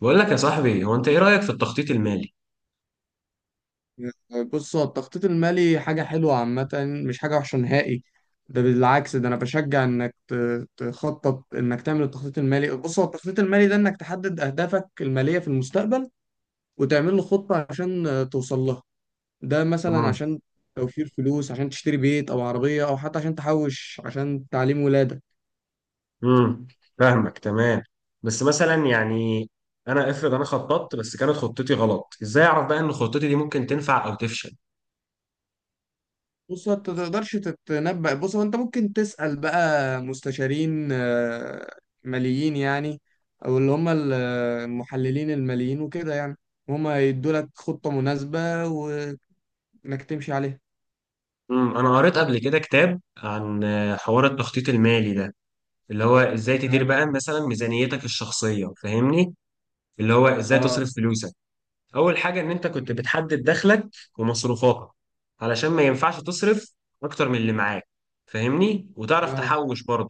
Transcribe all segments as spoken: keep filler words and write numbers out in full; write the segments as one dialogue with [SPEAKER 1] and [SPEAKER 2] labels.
[SPEAKER 1] بقول لك يا صاحبي، هو انت ايه رأيك في التخطيط المالي؟
[SPEAKER 2] آه، بص، هو التخطيط المالي حاجة حلوة عامة، مش حاجة وحشة نهائي. ده بالعكس، ده أنا بشجع إنك ت- تخطط، إنك تعمل التخطيط المالي. بص، هو التخطيط المالي ده إنك تحدد أهدافك المالية في المستقبل، وتعمل له خطة عشان آه، توصل لها. ده مثلا
[SPEAKER 1] امم.
[SPEAKER 2] عشان توفير فلوس عشان تشتري بيت أو عربية، أو حتى عشان تحوش عشان تعليم ولادك.
[SPEAKER 1] امم. فاهمك تمام. بس مثلا يعني، انا افرض انا خططت بس كانت خطتي غلط. ازاي اعرف بقى ان خطتي دي ممكن تنفع او تفشل؟
[SPEAKER 2] بص، انت تقدرش تتنبأ. بص، هو انت ممكن تسأل بقى مستشارين آه، ماليين يعني، او اللي هم ال- المحللين الماليين وكده يعني. هم يدوا لك خطة مناسبة، وانك تمشي عليها.
[SPEAKER 1] امم انا قريت قبل كده كتاب عن آه، حوار التخطيط المالي ده، اللي هو ازاي تدير
[SPEAKER 2] اه.
[SPEAKER 1] بقى مثلا ميزانيتك الشخصية، فاهمني؟ اللي هو ازاي
[SPEAKER 2] اه.
[SPEAKER 1] تصرف فلوسك. اول حاجه ان انت كنت بتحدد دخلك ومصروفاتك، علشان ما ينفعش تصرف اكتر من اللي معاك، فاهمني، وتعرف
[SPEAKER 2] اه.
[SPEAKER 1] تحوش برضه.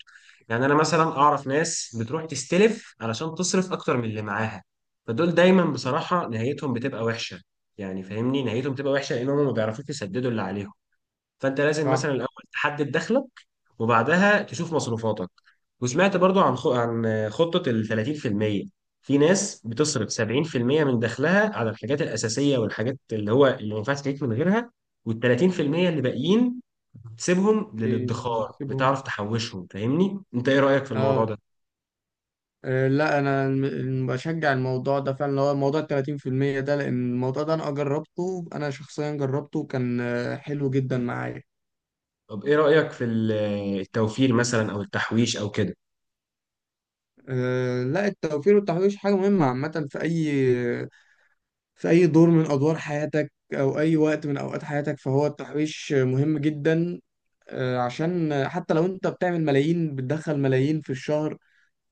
[SPEAKER 1] يعني انا مثلا اعرف ناس بتروح تستلف علشان تصرف اكتر من اللي معاها، فدول دايما بصراحه نهايتهم بتبقى وحشه. يعني فاهمني، نهايتهم بتبقى وحشه لانهم ما بيعرفوش يسددوا اللي عليهم. فانت لازم مثلا
[SPEAKER 2] صح.
[SPEAKER 1] الاول تحدد دخلك وبعدها تشوف مصروفاتك. وسمعت برضو عن خ... عن خطة ال ثلاثين في المئة في المية. في ناس بتصرف سبعين في المية من دخلها على الحاجات الأساسية والحاجات اللي هو اللي ما ينفعش تعيش من غيرها، وال تلاتين في المية اللي باقيين تسيبهم للادخار،
[SPEAKER 2] بيسيبهم.
[SPEAKER 1] بتعرف تحوشهم، فاهمني؟ انت ايه رأيك في الموضوع
[SPEAKER 2] اه.
[SPEAKER 1] ده؟
[SPEAKER 2] آه، لا، انا الم- بشجع الموضوع ده فعلا، اللي هو موضوع ال ثلاثين في المية ده. لان الموضوع ده انا جربته، انا شخصيا جربته وكان آه، حلو جدا معايا.
[SPEAKER 1] طب ايه رأيك في ال- التوفير مثلا او التحويش او كده؟
[SPEAKER 2] آه، لا، التوفير والتحويش حاجة مهمة عامة في أي في أي دور من أدوار حياتك، أو أي وقت من أوقات حياتك، فهو التحويش مهم جدا. آه، عشان حتى لو أنت بتعمل ملايين، بتدخل ملايين في الشهر،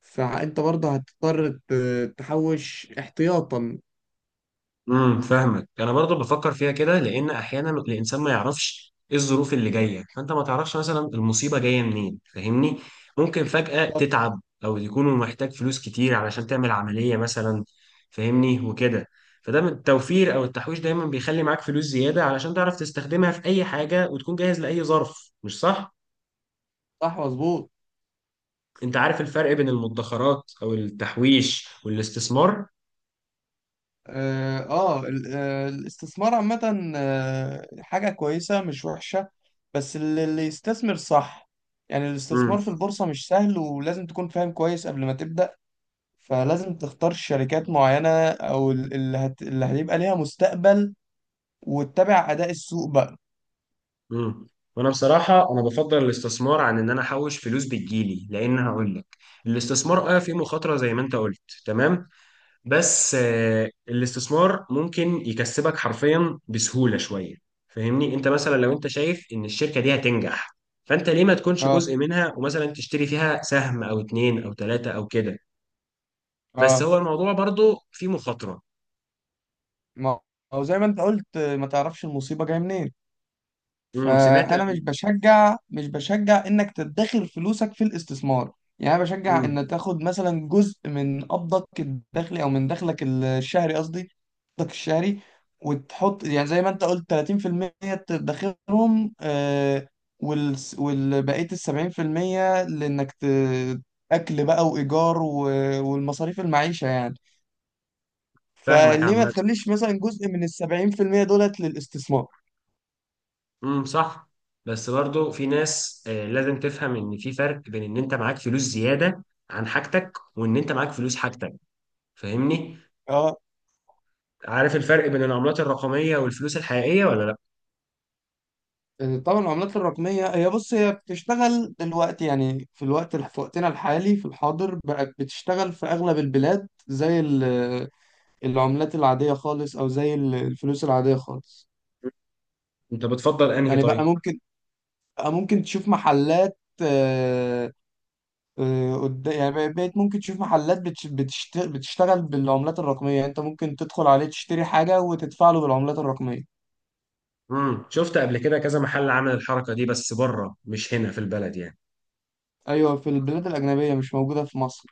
[SPEAKER 2] فأنت برضه هتضطر ت- تحوش احتياطا.
[SPEAKER 1] امم فاهمك. انا برضو بفكر فيها كده، لان احيانا الانسان ما يعرفش ايه الظروف اللي جايه، فانت ما تعرفش مثلا المصيبه جايه منين، فاهمني. ممكن فجاه
[SPEAKER 2] طب.
[SPEAKER 1] تتعب او يكون محتاج فلوس كتير علشان تعمل عمليه مثلا، فاهمني وكده. فده من التوفير او التحويش دايما بيخلي معاك فلوس زياده، علشان تعرف تستخدمها في اي حاجه وتكون جاهز لاي ظرف، مش صح؟
[SPEAKER 2] صح، مظبوط.
[SPEAKER 1] انت عارف الفرق بين المدخرات او التحويش والاستثمار؟
[SPEAKER 2] اه. آه، ال- آه، الاستثمار عامة آه، حاجة كويسة مش وحشة، بس اللي اللي يستثمر صح. يعني
[SPEAKER 1] امم.
[SPEAKER 2] الاستثمار في البورصة مش سهل، ولازم تكون فاهم كويس قبل ما تبدأ. فلازم تختار شركات معينة، أو ال- اللي هت... اللي هيبقى ليها مستقبل، وتتابع أداء السوق بقى.
[SPEAKER 1] امم وانا بصراحه انا بفضل الاستثمار عن ان انا احوش فلوس بتجيلي، لان هقول لك، الاستثمار اه فيه مخاطره زي ما انت قلت، تمام. بس آه الاستثمار ممكن يكسبك حرفيا بسهوله شويه، فاهمني؟ انت مثلا لو انت شايف ان الشركه دي هتنجح، فانت ليه ما تكونش
[SPEAKER 2] اه.
[SPEAKER 1] جزء منها، ومثلا تشتري فيها سهم او اتنين او تلاته او كده. بس
[SPEAKER 2] اه.
[SPEAKER 1] هو الموضوع برضو فيه مخاطره.
[SPEAKER 2] ما هو زي ما انت قلت، آه، ما تعرفش المصيبة جاية منين.
[SPEAKER 1] امم سمعت
[SPEAKER 2] فانا مش
[SPEAKER 1] قبل؟
[SPEAKER 2] بشجع مش بشجع انك تدخر فلوسك في الاستثمار. يعني انا بشجع
[SPEAKER 1] امم
[SPEAKER 2] ان تاخد مثلا جزء من قبضك الدخلي، او من دخلك الشهري، قصدي قبضك الشهري. وتحط يعني زي ما انت قلت ثلاثين في المية، تدخرهم. آه وال والبقيه ال سبعين في المية، لانك ت... اكل بقى وايجار، و... والمصاريف المعيشه يعني.
[SPEAKER 1] فاهمك
[SPEAKER 2] فليه ما
[SPEAKER 1] عامه.
[SPEAKER 2] تخليش مثلا جزء من ال سبعين في المية دولت للاستثمار؟
[SPEAKER 1] امم، صح. بس برضو في ناس آه، لازم تفهم ان في فرق بين ان انت معاك فلوس زياده عن حاجتك، وان انت معاك فلوس حاجتك، فاهمني.
[SPEAKER 2] آه،
[SPEAKER 1] عارف الفرق بين العملات الرقميه والفلوس الحقيقيه ولا لا؟
[SPEAKER 2] طبعا، العملات الرقمية هي، بص، هي بتشتغل دلوقتي، يعني في الوقت في وقتنا الحالي، في الحاضر، بقت بتشتغل في أغلب البلاد زي ال- العملات العادية خالص، أو زي ال- الفلوس العادية خالص.
[SPEAKER 1] انت بتفضل انهي
[SPEAKER 2] يعني بقى
[SPEAKER 1] طيب؟
[SPEAKER 2] ممكن بقى ممكن تشوف محلات آه، آه، قد- يعني بقيت ممكن تشوف محلات بتش- بتشت- بتشتغل بالعملات الرقمية، يعني أنت ممكن تدخل عليه، تشتري حاجة، وتدفع له بالعملات الرقمية.
[SPEAKER 1] امم شفت قبل كده كذا محل عمل الحركه دي، بس بره مش هنا في البلد يعني.
[SPEAKER 2] أيوة، في البلاد الأجنبية، مش موجودة في مصر.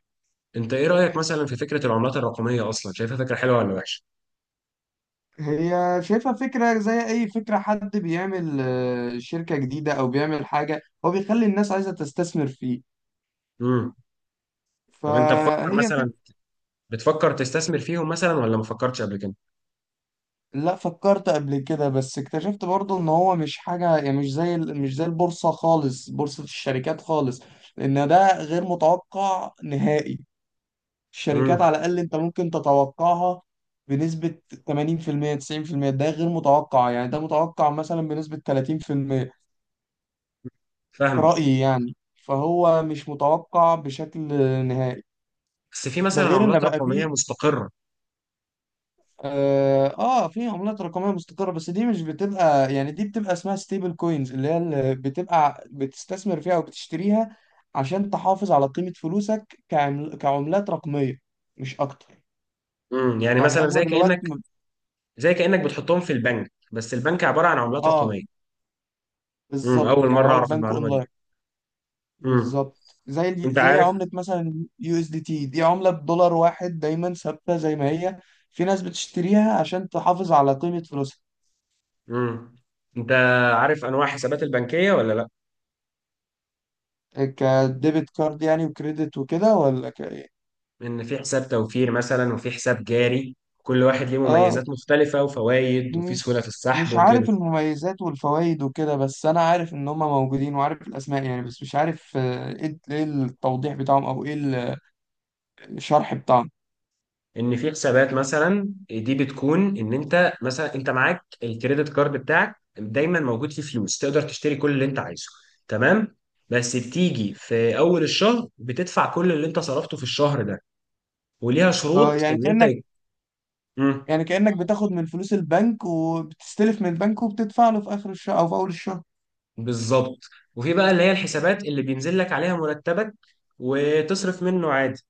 [SPEAKER 1] انت ايه رايك مثلا في فكره العملات الرقميه اصلا، شايفها فكره حلوه ولا وحشه؟
[SPEAKER 2] هي شايفها فكرة زي أي فكرة، حد بيعمل آه، شركة جديدة أو بيعمل حاجة، هو بيخلي الناس عايزة تستثمر فيه،
[SPEAKER 1] امم طب انت بتفكر
[SPEAKER 2] فهي فكرة.
[SPEAKER 1] مثلا بتفكر تستثمر فيهم مثلا ولا ما فكرتش قبل كده؟
[SPEAKER 2] لا، فكرت قبل كده، بس اكتشفت برضو إن هو مش حاجة، يعني مش زي ال- مش زي البورصة خالص، بورصة الشركات خالص. لأن ده غير متوقع نهائي. الشركات
[SPEAKER 1] امم
[SPEAKER 2] على الأقل أنت ممكن تتوقعها بنسبة تمانين في المية تسعين في المية. ده غير متوقع، يعني ده متوقع مثلا بنسبة ثلاثين في المية في
[SPEAKER 1] فاهم.
[SPEAKER 2] رأيي يعني، فهو مش متوقع بشكل نهائي.
[SPEAKER 1] بس في
[SPEAKER 2] ده
[SPEAKER 1] مثلا
[SPEAKER 2] غير ان
[SPEAKER 1] عملات
[SPEAKER 2] بقى
[SPEAKER 1] رقميه
[SPEAKER 2] فيه.
[SPEAKER 1] مستقره؟
[SPEAKER 2] اه. آه، في عملات رقميه مستقره، بس دي مش بتبقى، يعني دي بتبقى اسمها ستيبل كوينز، اللي هي اللي بتبقى بتستثمر فيها او بتشتريها عشان تحافظ على قيمه فلوسك كعمل كعملات رقميه، مش اكتر.
[SPEAKER 1] امم يعني
[SPEAKER 2] يعني
[SPEAKER 1] مثلا زي
[SPEAKER 2] اغلب الوقت
[SPEAKER 1] كأنك
[SPEAKER 2] م-
[SPEAKER 1] زي كأنك بتحطهم في البنك، بس البنك عبارة عن عملات
[SPEAKER 2] اه.
[SPEAKER 1] رقمية. امم أول
[SPEAKER 2] بالظبط، يعني
[SPEAKER 1] مرة
[SPEAKER 2] هو
[SPEAKER 1] أعرف
[SPEAKER 2] البنك
[SPEAKER 1] المعلومة دي.
[SPEAKER 2] اونلاين.
[SPEAKER 1] امم
[SPEAKER 2] بالظبط، زي ال-
[SPEAKER 1] أنت
[SPEAKER 2] زي
[SPEAKER 1] عارف
[SPEAKER 2] عملة مثلا يو اس دي تي. دي عملة بدولار واحد دايما ثابتة زي ما هي. في ناس بتشتريها عشان تحافظ على قيمة فلوسها.
[SPEAKER 1] امم أنت عارف أنواع حسابات البنكية ولا لأ؟
[SPEAKER 2] كديبت كارد يعني، وكريدت وكده، ولا ك إيه؟
[SPEAKER 1] إن في حساب توفير مثلا وفي حساب جاري، كل واحد ليه
[SPEAKER 2] اه.
[SPEAKER 1] مميزات مختلفة وفوائد وفي سهولة في
[SPEAKER 2] مش
[SPEAKER 1] السحب
[SPEAKER 2] مش
[SPEAKER 1] وكده.
[SPEAKER 2] عارف المميزات والفوائد وكده، بس انا عارف ان هم موجودين وعارف الاسماء يعني، بس مش عارف آه، ايه إيه التوضيح بتاعهم، او ايه الشرح بتاعهم.
[SPEAKER 1] ان في حسابات مثلا دي بتكون ان انت مثلا انت معاك الكريدت كارد بتاعك دايما موجود فيه فلوس، تقدر تشتري كل اللي انت عايزه، تمام. بس بتيجي في اول الشهر بتدفع كل اللي انت صرفته في الشهر ده، وليها
[SPEAKER 2] اه،
[SPEAKER 1] شروط
[SPEAKER 2] يعني
[SPEAKER 1] ان انت.
[SPEAKER 2] كأنك.
[SPEAKER 1] مم.
[SPEAKER 2] يعني كأنك بتاخد من فلوس البنك، وبتستلف من البنك، وبتدفع له في اخر الشهر او في اول الشهر.
[SPEAKER 1] بالظبط. وفي بقى اللي هي الحسابات اللي بينزل لك عليها مرتبك، وتصرف منه عادي.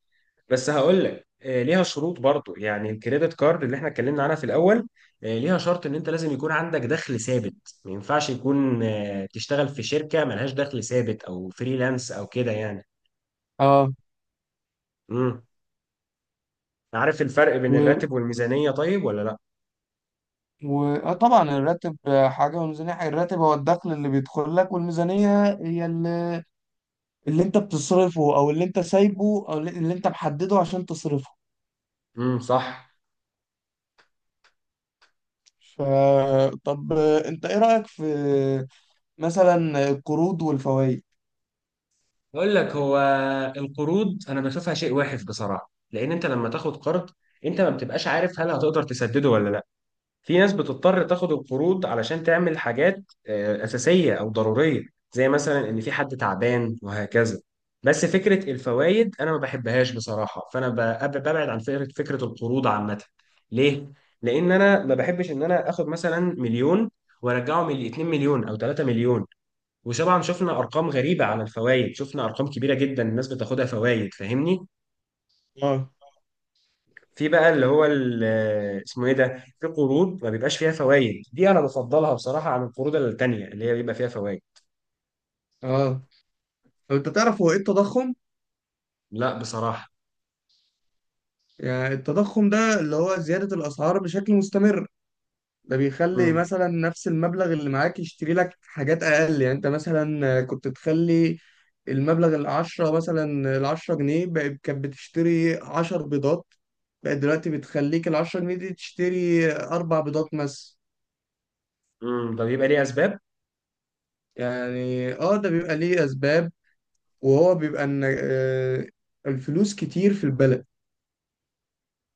[SPEAKER 1] بس هقول لك، آه، ليها شروط برضو. يعني الكريدت كارد اللي احنا اتكلمنا عنها في الاول، آه، ليها شرط ان انت لازم يكون عندك دخل ثابت. ما ينفعش يكون آه، تشتغل في شركة ملهاش دخل ثابت او فريلانس او كده يعني.
[SPEAKER 2] اه.
[SPEAKER 1] امم. عارف الفرق بين
[SPEAKER 2] و...
[SPEAKER 1] الراتب والميزانية طيب ولا لا؟
[SPEAKER 2] و... آه طبعا، الراتب حاجة والميزانية حاجة. الراتب هو الدخل اللي بيدخل لك، والميزانية هي اللي, اللي انت بتصرفه، او اللي انت سايبه، او اللي اللي انت محدده عشان تصرفه.
[SPEAKER 1] امم، صح.
[SPEAKER 2] ف... طب، آه، انت ايه رأيك في مثلا القروض والفوائد؟
[SPEAKER 1] اقول لك هو، القروض انا بشوفها شيء واحد بصراحة، لان انت لما تاخد قرض انت ما بتبقاش عارف هل هتقدر تسدده ولا لا. في ناس بتضطر تاخد القروض علشان تعمل حاجات آه، أساسية أو ضرورية، زي مثلا إن في حد تعبان وهكذا. بس فكرة الفوائد أنا ما بحبهاش بصراحة، فأنا ب- ببعد عن فكرة فكرة القروض عامة. ليه؟ لأن أنا ما بحبش إن أنا آخد مثلا مليون وأرجعه من اتنين مليون أو ثلاثة مليون. وطبعا شفنا أرقام غريبة على الفوائد، شفنا أرقام كبيرة جدا الناس بتاخدها فوائد، فاهمني؟
[SPEAKER 2] اه.
[SPEAKER 1] في بقى اللي هو ال- اسمه ايه ده، في قروض ما بيبقاش فيها فوائد، دي انا بفضلها بصراحه عن القروض التانيه اللي هي بيبقى فيها فوائد.
[SPEAKER 2] اه. طب، انت تعرف هو ايه التضخم؟
[SPEAKER 1] لا، بصراحه.
[SPEAKER 2] يعني التضخم ده اللي هو زيادة الأسعار بشكل مستمر. ده بيخلي
[SPEAKER 1] امم.
[SPEAKER 2] مثلا نفس المبلغ اللي معاك يشتري لك حاجات أقل. يعني أنت مثلا كنت تخلي المبلغ العشرة، مثلا العشرة جنيه بقت كانت بتشتري عشر بيضات، بقت دلوقتي بتخليك العشرة جنيه دي تشتري أربع بيضات مثلا.
[SPEAKER 1] امم ده بيبقى ليه اسباب.
[SPEAKER 2] يعني اه، ده بيبقى ليه أسباب، وهو بيبقى إن آه، الفلوس كتير في البلد،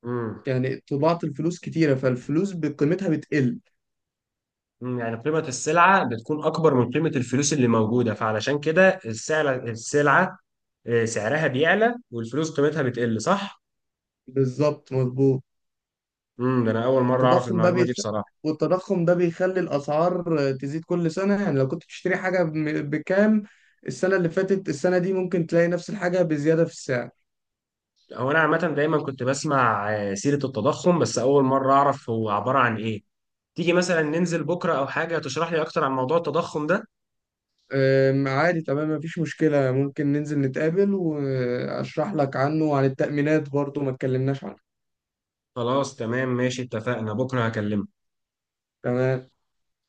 [SPEAKER 1] امم.
[SPEAKER 2] يعني طباعة الفلوس كتيرة، فالفلوس بقيمتها بتقل.
[SPEAKER 1] أمم، يعني قيمه السلعه بتكون اكبر من قيمه الفلوس اللي موجوده، فعلشان كده السلعه السلعه آه، سعرها بيعلى والفلوس قيمتها بتقل، صح.
[SPEAKER 2] بالظبط، مظبوط.
[SPEAKER 1] امم ده انا اول مره اعرف
[SPEAKER 2] التضخم ده
[SPEAKER 1] المعلومه دي
[SPEAKER 2] بيخ...
[SPEAKER 1] بصراحه.
[SPEAKER 2] والتضخم ده بيخلي الأسعار تزيد كل سنة، يعني لو كنت بتشتري حاجة ب- بكام السنة اللي فاتت، السنة دي ممكن تلاقي نفس الحاجة بزيادة في السعر.
[SPEAKER 1] هو انا عامه دايما كنت بسمع آه، سيره التضخم، بس اول مره اعرف هو عباره عن ايه. تيجي مثلا ننزل بكرة أو حاجة تشرح لي أكتر عن موضوع التضخم ده؟
[SPEAKER 2] أم، عادي، تمام، مفيش مشكلة، ممكن ننزل نتقابل وأشرح لك عنه، وعن التأمينات برضو ما اتكلمناش عنه.
[SPEAKER 1] خلاص تمام، ماشي، اتفقنا بكرة هكلمك.
[SPEAKER 2] تمام.